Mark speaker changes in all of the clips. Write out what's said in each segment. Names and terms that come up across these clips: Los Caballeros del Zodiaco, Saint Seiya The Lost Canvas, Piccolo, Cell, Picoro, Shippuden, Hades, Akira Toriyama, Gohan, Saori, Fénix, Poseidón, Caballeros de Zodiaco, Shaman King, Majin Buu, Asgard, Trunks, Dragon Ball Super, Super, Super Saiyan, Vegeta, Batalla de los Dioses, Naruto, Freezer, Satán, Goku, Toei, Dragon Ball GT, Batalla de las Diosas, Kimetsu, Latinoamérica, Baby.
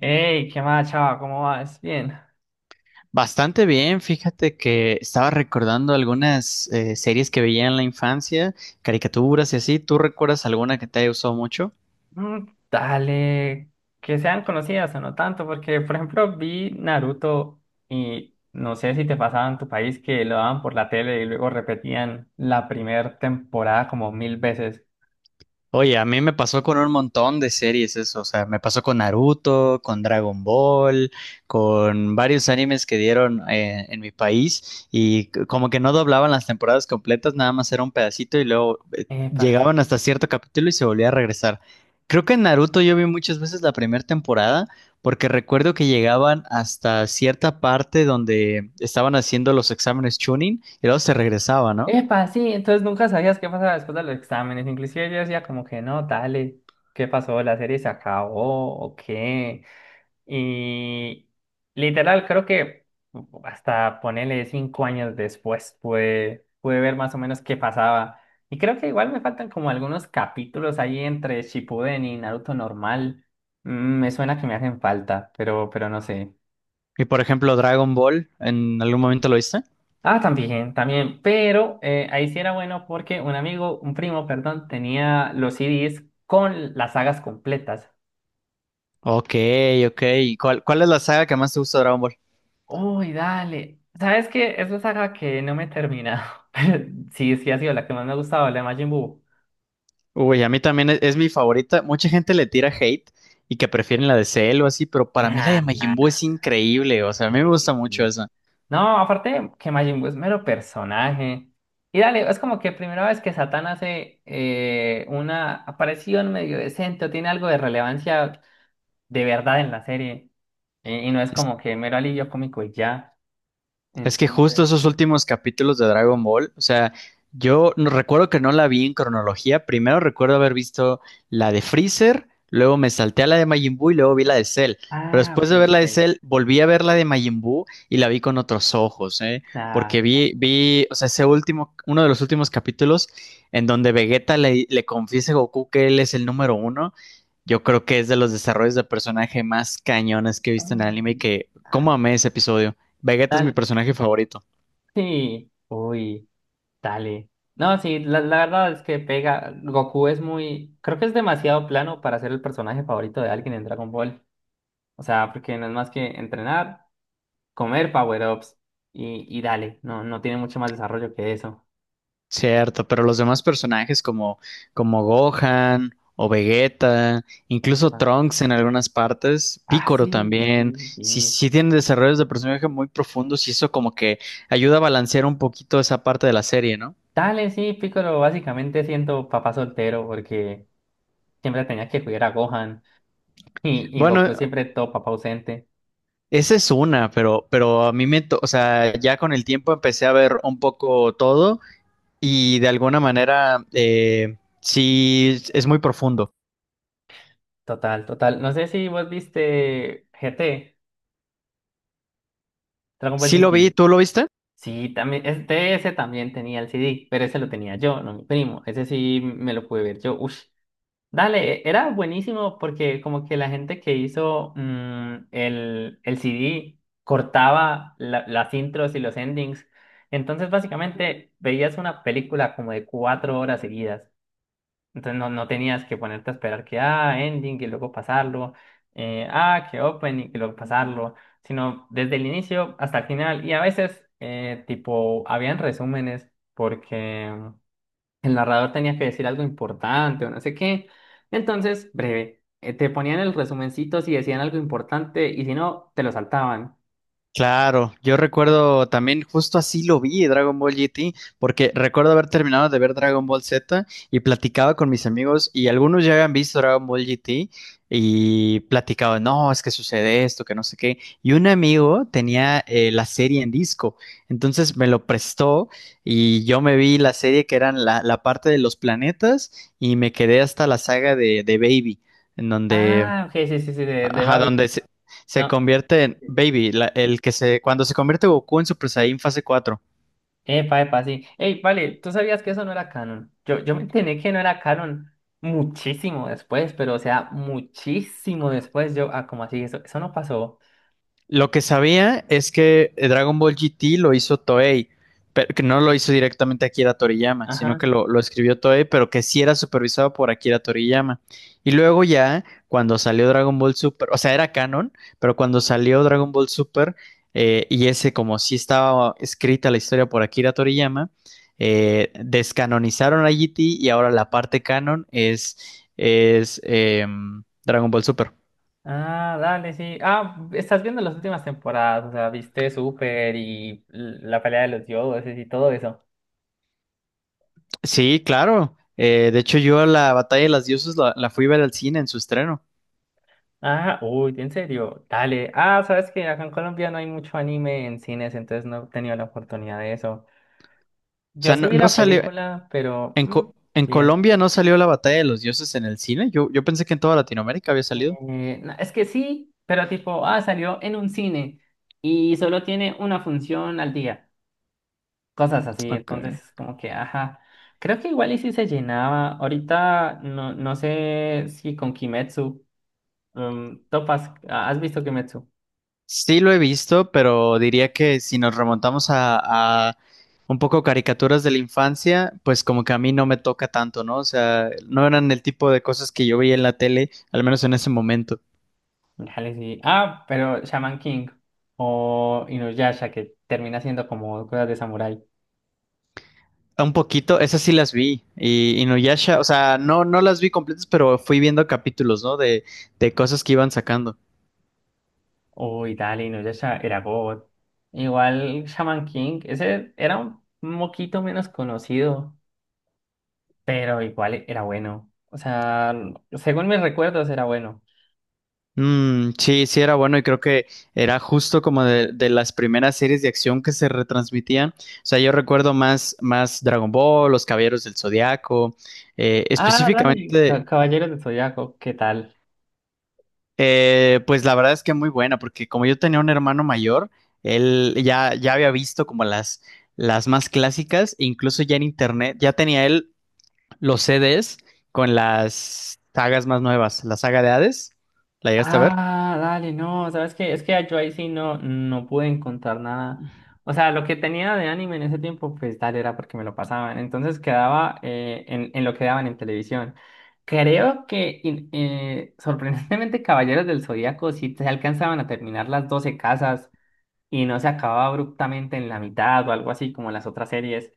Speaker 1: Hey, ¿qué más, chava? ¿Cómo vas? Bien.
Speaker 2: Bastante bien, fíjate que estaba recordando algunas series que veía en la infancia, caricaturas y así. ¿Tú recuerdas alguna que te haya gustado mucho?
Speaker 1: Mm, dale, que sean conocidas o no tanto, porque por ejemplo vi Naruto y no sé si te pasaba en tu país que lo daban por la tele y luego repetían la primera temporada como mil veces.
Speaker 2: Oye, a mí me pasó con un montón de series eso, o sea, me pasó con Naruto, con Dragon Ball, con varios animes que dieron en mi país y como que no doblaban las temporadas completas, nada más era un pedacito y luego
Speaker 1: Epa,
Speaker 2: llegaban hasta cierto capítulo y se volvía a regresar. Creo que en Naruto yo vi muchas veces la primera temporada porque recuerdo que llegaban hasta cierta parte donde estaban haciendo los exámenes Chunin y luego se regresaba, ¿no?
Speaker 1: epa, sí, entonces nunca sabías qué pasaba después de los exámenes. Inclusive yo decía como que no, dale, ¿qué pasó? ¿La serie se acabó o qué? Y literal, creo que hasta ponerle 5 años después pude ver más o menos qué pasaba. Y creo que igual me faltan como algunos capítulos ahí entre Shippuden y Naruto normal. Mm, Me suena que me hacen falta, pero no sé.
Speaker 2: Y por ejemplo, Dragon Ball, ¿en algún momento lo viste?
Speaker 1: Ah, también, también. Pero ahí sí era bueno porque un amigo, un primo, perdón, tenía los CDs con las sagas completas.
Speaker 2: Ok, ok. ¿Y cuál es la saga que más te gusta de Dragon Ball?
Speaker 1: Uy, dale. ¿Sabes qué? Es una saga que no me he terminado. Pero sí, sí ha sido la que más me ha gustado, la de Majin Buu.
Speaker 2: Uy, a mí también es mi favorita. Mucha gente le tira hate y que prefieren la de Cell o así, pero para mí la
Speaker 1: Nah,
Speaker 2: de Majin
Speaker 1: Mm,
Speaker 2: Buu es increíble. O sea, a mí me
Speaker 1: sí,
Speaker 2: gusta
Speaker 1: sí,
Speaker 2: mucho
Speaker 1: sí.
Speaker 2: esa.
Speaker 1: No, aparte que Majin Buu es mero personaje. Y dale, es como que primera vez que Satán hace una aparición medio decente o tiene algo de relevancia de verdad en la serie. Y no es como que mero alivio cómico y ya.
Speaker 2: Es que justo
Speaker 1: Entonces,
Speaker 2: esos
Speaker 1: sí.
Speaker 2: últimos capítulos de Dragon Ball, o sea, yo no, recuerdo que no la vi en cronología. Primero recuerdo haber visto la de Freezer, luego me salté a la de Majin Buu y luego vi la de Cell. Pero
Speaker 1: Ah,
Speaker 2: después
Speaker 1: ok,
Speaker 2: de ver la
Speaker 1: ok.
Speaker 2: de Cell, volví a ver la de Majin Buu y la vi con otros ojos, ¿eh? Porque
Speaker 1: Claro.
Speaker 2: vi, o sea, ese último, uno de los últimos capítulos en donde Vegeta le confiesa a Goku que él es el número uno. Yo creo que es de los desarrollos de personaje más cañones que he
Speaker 1: Claro.
Speaker 2: visto en el anime y
Speaker 1: Mm,
Speaker 2: que, ¿cómo amé ese episodio? Vegeta es mi
Speaker 1: dale.
Speaker 2: personaje favorito,
Speaker 1: Sí, uy, dale. No, sí, la verdad es que pega. Goku es muy. Creo que es demasiado plano para ser el personaje favorito de alguien en Dragon Ball. O sea, porque no es más que entrenar, comer power-ups y dale. No, no tiene mucho más desarrollo que eso.
Speaker 2: cierto, pero los demás personajes como Gohan o Vegeta, incluso
Speaker 1: Epa.
Speaker 2: Trunks en algunas partes,
Speaker 1: Ah,
Speaker 2: Picoro
Speaker 1: sí,
Speaker 2: también,
Speaker 1: sí,
Speaker 2: sí,
Speaker 1: sí.
Speaker 2: sí tienen desarrollos de personaje muy profundos y eso como que ayuda a balancear un poquito esa parte de la serie, ¿no?
Speaker 1: Dale, sí, Piccolo, básicamente siento papá soltero porque siempre tenía que cuidar a Gohan y
Speaker 2: Bueno,
Speaker 1: Goku siempre todo papá ausente.
Speaker 2: esa es una, pero a mí o sea, ya con el tiempo empecé a ver un poco todo y de alguna manera, sí es muy profundo.
Speaker 1: Total, total. No sé si vos viste GT. Dragon Ball
Speaker 2: Sí lo vi,
Speaker 1: GT.
Speaker 2: ¿tú lo viste?
Speaker 1: Sí, también, este, ese también tenía el CD, pero ese lo tenía yo, no mi primo. Ese sí me lo pude ver yo. Ush. Dale, e, era buenísimo porque como que la gente que hizo el CD cortaba las intros y los endings. Entonces básicamente veías una película como de 4 horas seguidas. Entonces no, no tenías que ponerte a esperar que, ah, ending y luego pasarlo, que opening y que luego pasarlo, sino desde el inicio hasta el final. Y a veces, tipo, habían resúmenes porque el narrador tenía que decir algo importante o no sé qué. Entonces, breve, te ponían el resumencito si decían algo importante y si no, te lo saltaban.
Speaker 2: Claro, yo recuerdo también justo así lo vi Dragon Ball GT, porque recuerdo haber terminado de ver Dragon Ball Z y platicaba con mis amigos y algunos ya habían visto Dragon Ball GT y platicaba, no, es que sucede esto, que no sé qué. Y un amigo tenía la serie en disco, entonces me lo prestó y yo me vi la serie que eran la parte de los planetas y me quedé hasta la saga de Baby, en donde
Speaker 1: Ah, ok, sí, sí, sí, de
Speaker 2: ajá,
Speaker 1: Babel.
Speaker 2: se
Speaker 1: No.
Speaker 2: convierte en Baby, cuando se convierte Goku en Super Saiyan fase 4.
Speaker 1: Epa, epa, sí. Ey, vale, tú sabías que eso no era canon. Yo me enteré que no era canon muchísimo después, pero o sea, muchísimo después. Yo, ah, ¿cómo así? Eso no pasó.
Speaker 2: Lo que sabía es que Dragon Ball GT lo hizo Toei, pero que no lo hizo directamente Akira Toriyama, sino que
Speaker 1: Ajá.
Speaker 2: lo escribió Toei, pero que sí era supervisado por Akira Toriyama. Y luego ya, cuando salió Dragon Ball Super, o sea, era canon, pero cuando salió Dragon Ball Super, y ese como sí estaba escrita la historia por Akira Toriyama, descanonizaron a GT y ahora la parte canon es Dragon Ball Super.
Speaker 1: Ah, dale, sí. Ah, estás viendo las últimas temporadas, o sea, viste Super y la pelea de los dioses y todo eso.
Speaker 2: Sí, claro. De hecho, yo la Batalla de las Diosas la fui a ver al cine en su estreno.
Speaker 1: Ah, uy, en serio, dale. Ah, sabes que acá en Colombia no hay mucho anime en cines, entonces no he tenido la oportunidad de eso.
Speaker 2: O
Speaker 1: Yo
Speaker 2: sea,
Speaker 1: sí vi
Speaker 2: no
Speaker 1: la
Speaker 2: salió,
Speaker 1: película, pero
Speaker 2: En
Speaker 1: bien.
Speaker 2: Colombia no salió la Batalla de los Dioses en el cine. Yo pensé que en toda Latinoamérica había salido.
Speaker 1: No, es que sí, pero tipo, ah, salió en un cine y solo tiene una función al día, cosas así,
Speaker 2: Ok.
Speaker 1: entonces es como que, ajá, creo que igual y sí se llenaba, ahorita no, no sé si con Kimetsu, topas, ah, ¿has visto Kimetsu?
Speaker 2: Sí lo he visto, pero diría que si nos remontamos a un poco caricaturas de la infancia, pues como que a mí no me toca tanto, ¿no? O sea, no eran el tipo de cosas que yo veía en la tele, al menos en ese momento.
Speaker 1: Dale, sí, ah, pero Shaman King o Inuyasha que termina siendo como cosas de samurái,
Speaker 2: Un poquito, esas sí las vi. Y Inuyasha, o sea, no las vi completas, pero fui viendo capítulos, ¿no? De cosas que iban sacando.
Speaker 1: uy, dale, Inuyasha era God, igual Shaman King, ese era un moquito menos conocido. Pero igual era bueno. O sea, según mis recuerdos era bueno.
Speaker 2: Mm, sí, sí era bueno y creo que era justo como de las primeras series de acción que se retransmitían. O sea, yo recuerdo más Dragon Ball, Los Caballeros del Zodiaco,
Speaker 1: Ah, dale,
Speaker 2: específicamente,
Speaker 1: Caballeros de Zodiaco, ¿qué tal?
Speaker 2: pues la verdad es que muy buena, porque como yo tenía un hermano mayor, ya había visto como las más clásicas, e incluso ya en internet, ya tenía él los CDs con las sagas más nuevas. La saga de Hades, ¿la llegaste a ver?
Speaker 1: Ah, dale, no, ¿sabes qué? Es que yo ahí sí no, no pude encontrar nada. O sea, lo que tenía de anime en ese tiempo, pues dale, era porque me lo pasaban. Entonces quedaba en, lo que daban en televisión. Creo que sorprendentemente Caballeros del Zodiaco sí se alcanzaban a terminar las 12 casas y no se acababa abruptamente en la mitad o algo así como las otras series.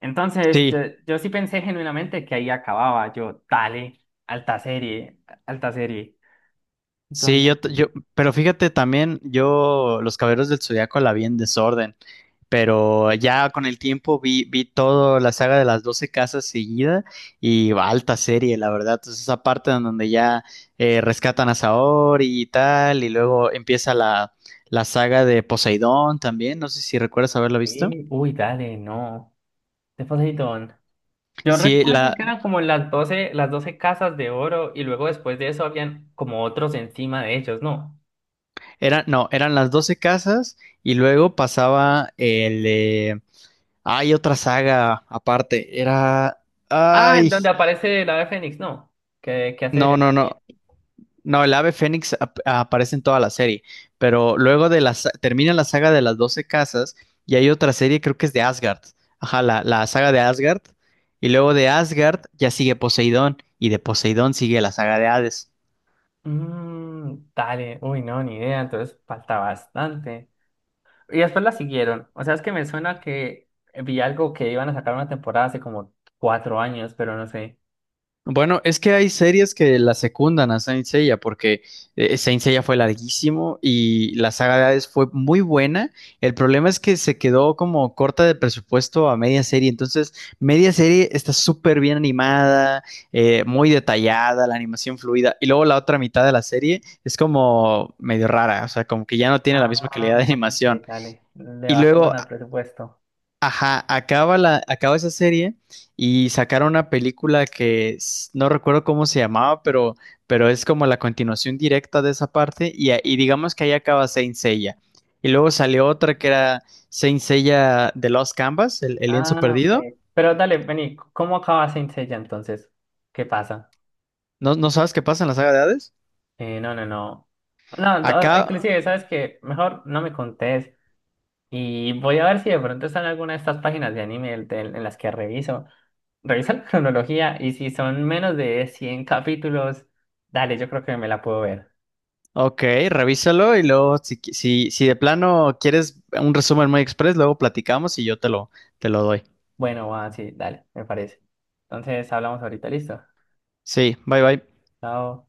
Speaker 1: Entonces, yo,
Speaker 2: Sí,
Speaker 1: yo sí pensé genuinamente que ahí acababa. Yo, dale, alta serie, alta serie.
Speaker 2: sí,
Speaker 1: Entonces,
Speaker 2: yo, t- yo,
Speaker 1: sí.
Speaker 2: pero fíjate también, yo Los Caballeros del Zodiaco la vi en desorden, pero ya con el tiempo vi toda la saga de las 12 casas seguida y va, alta serie, la verdad. Entonces esa parte en donde ya rescatan a Saori y tal, y luego empieza la saga de Poseidón también, no sé si recuerdas haberla visto.
Speaker 1: Sí, uy, dale, no. De Poseidón. Yo
Speaker 2: Sí,
Speaker 1: recuerdo
Speaker 2: la,
Speaker 1: que eran como las doce casas de oro y luego después de eso habían como otros encima de ellos, ¿no?
Speaker 2: eran no, eran las 12 casas y luego pasaba el... hay otra saga aparte. Era...
Speaker 1: Ah, en
Speaker 2: Ay,
Speaker 1: donde aparece la de Fénix, ¿no? Que hace
Speaker 2: no, no,
Speaker 1: también.
Speaker 2: no. No, el ave fénix aparece en toda la serie, pero luego de termina la saga de las 12 casas y hay otra serie, creo que es de Asgard. Ajá, la saga de Asgard. Y luego de Asgard ya sigue Poseidón y de Poseidón sigue la saga de Hades.
Speaker 1: Mm, dale, uy, no, ni idea. Entonces, falta bastante. Y después la siguieron. O sea, es que me suena que vi algo que iban a sacar una temporada hace como 4 años, pero no sé.
Speaker 2: Bueno, es que hay series que la secundan a Saint Seiya porque Saint Seiya fue larguísimo y la saga de Hades fue muy buena. El problema es que se quedó como corta de presupuesto a media serie. Entonces, media serie está súper bien animada, muy detallada, la animación fluida. Y luego la otra mitad de la serie es como medio rara, o sea, como que ya no tiene la misma
Speaker 1: Ah,
Speaker 2: calidad de animación.
Speaker 1: ok, dale. Le
Speaker 2: Y
Speaker 1: bajaron
Speaker 2: luego
Speaker 1: al presupuesto.
Speaker 2: ajá, acaba esa serie y sacaron una película que no recuerdo cómo se llamaba, pero es como la continuación directa de esa parte y, y digamos que ahí acaba Saint Seiya. Y luego salió otra que era Saint Seiya The Lost Canvas, el lienzo
Speaker 1: Ah, ok.
Speaker 2: perdido.
Speaker 1: Pero dale, vení, ¿cómo acaba Saint Seiya entonces? ¿Qué pasa?
Speaker 2: No sabes qué pasa en la saga de Hades?
Speaker 1: No, no, no. No, no,
Speaker 2: Acá,
Speaker 1: inclusive, ¿sabes qué? Mejor no me contés. Y voy a ver si de pronto están alguna de estas páginas de anime en las que reviso. Revisa la cronología y si son menos de 100 capítulos, dale, yo creo que me la puedo ver.
Speaker 2: ok, revísalo y luego si de plano quieres un resumen muy express, luego platicamos y yo te lo doy.
Speaker 1: Bueno, va, sí, dale, me parece. Entonces hablamos ahorita, listo.
Speaker 2: Sí, bye bye.
Speaker 1: Chao.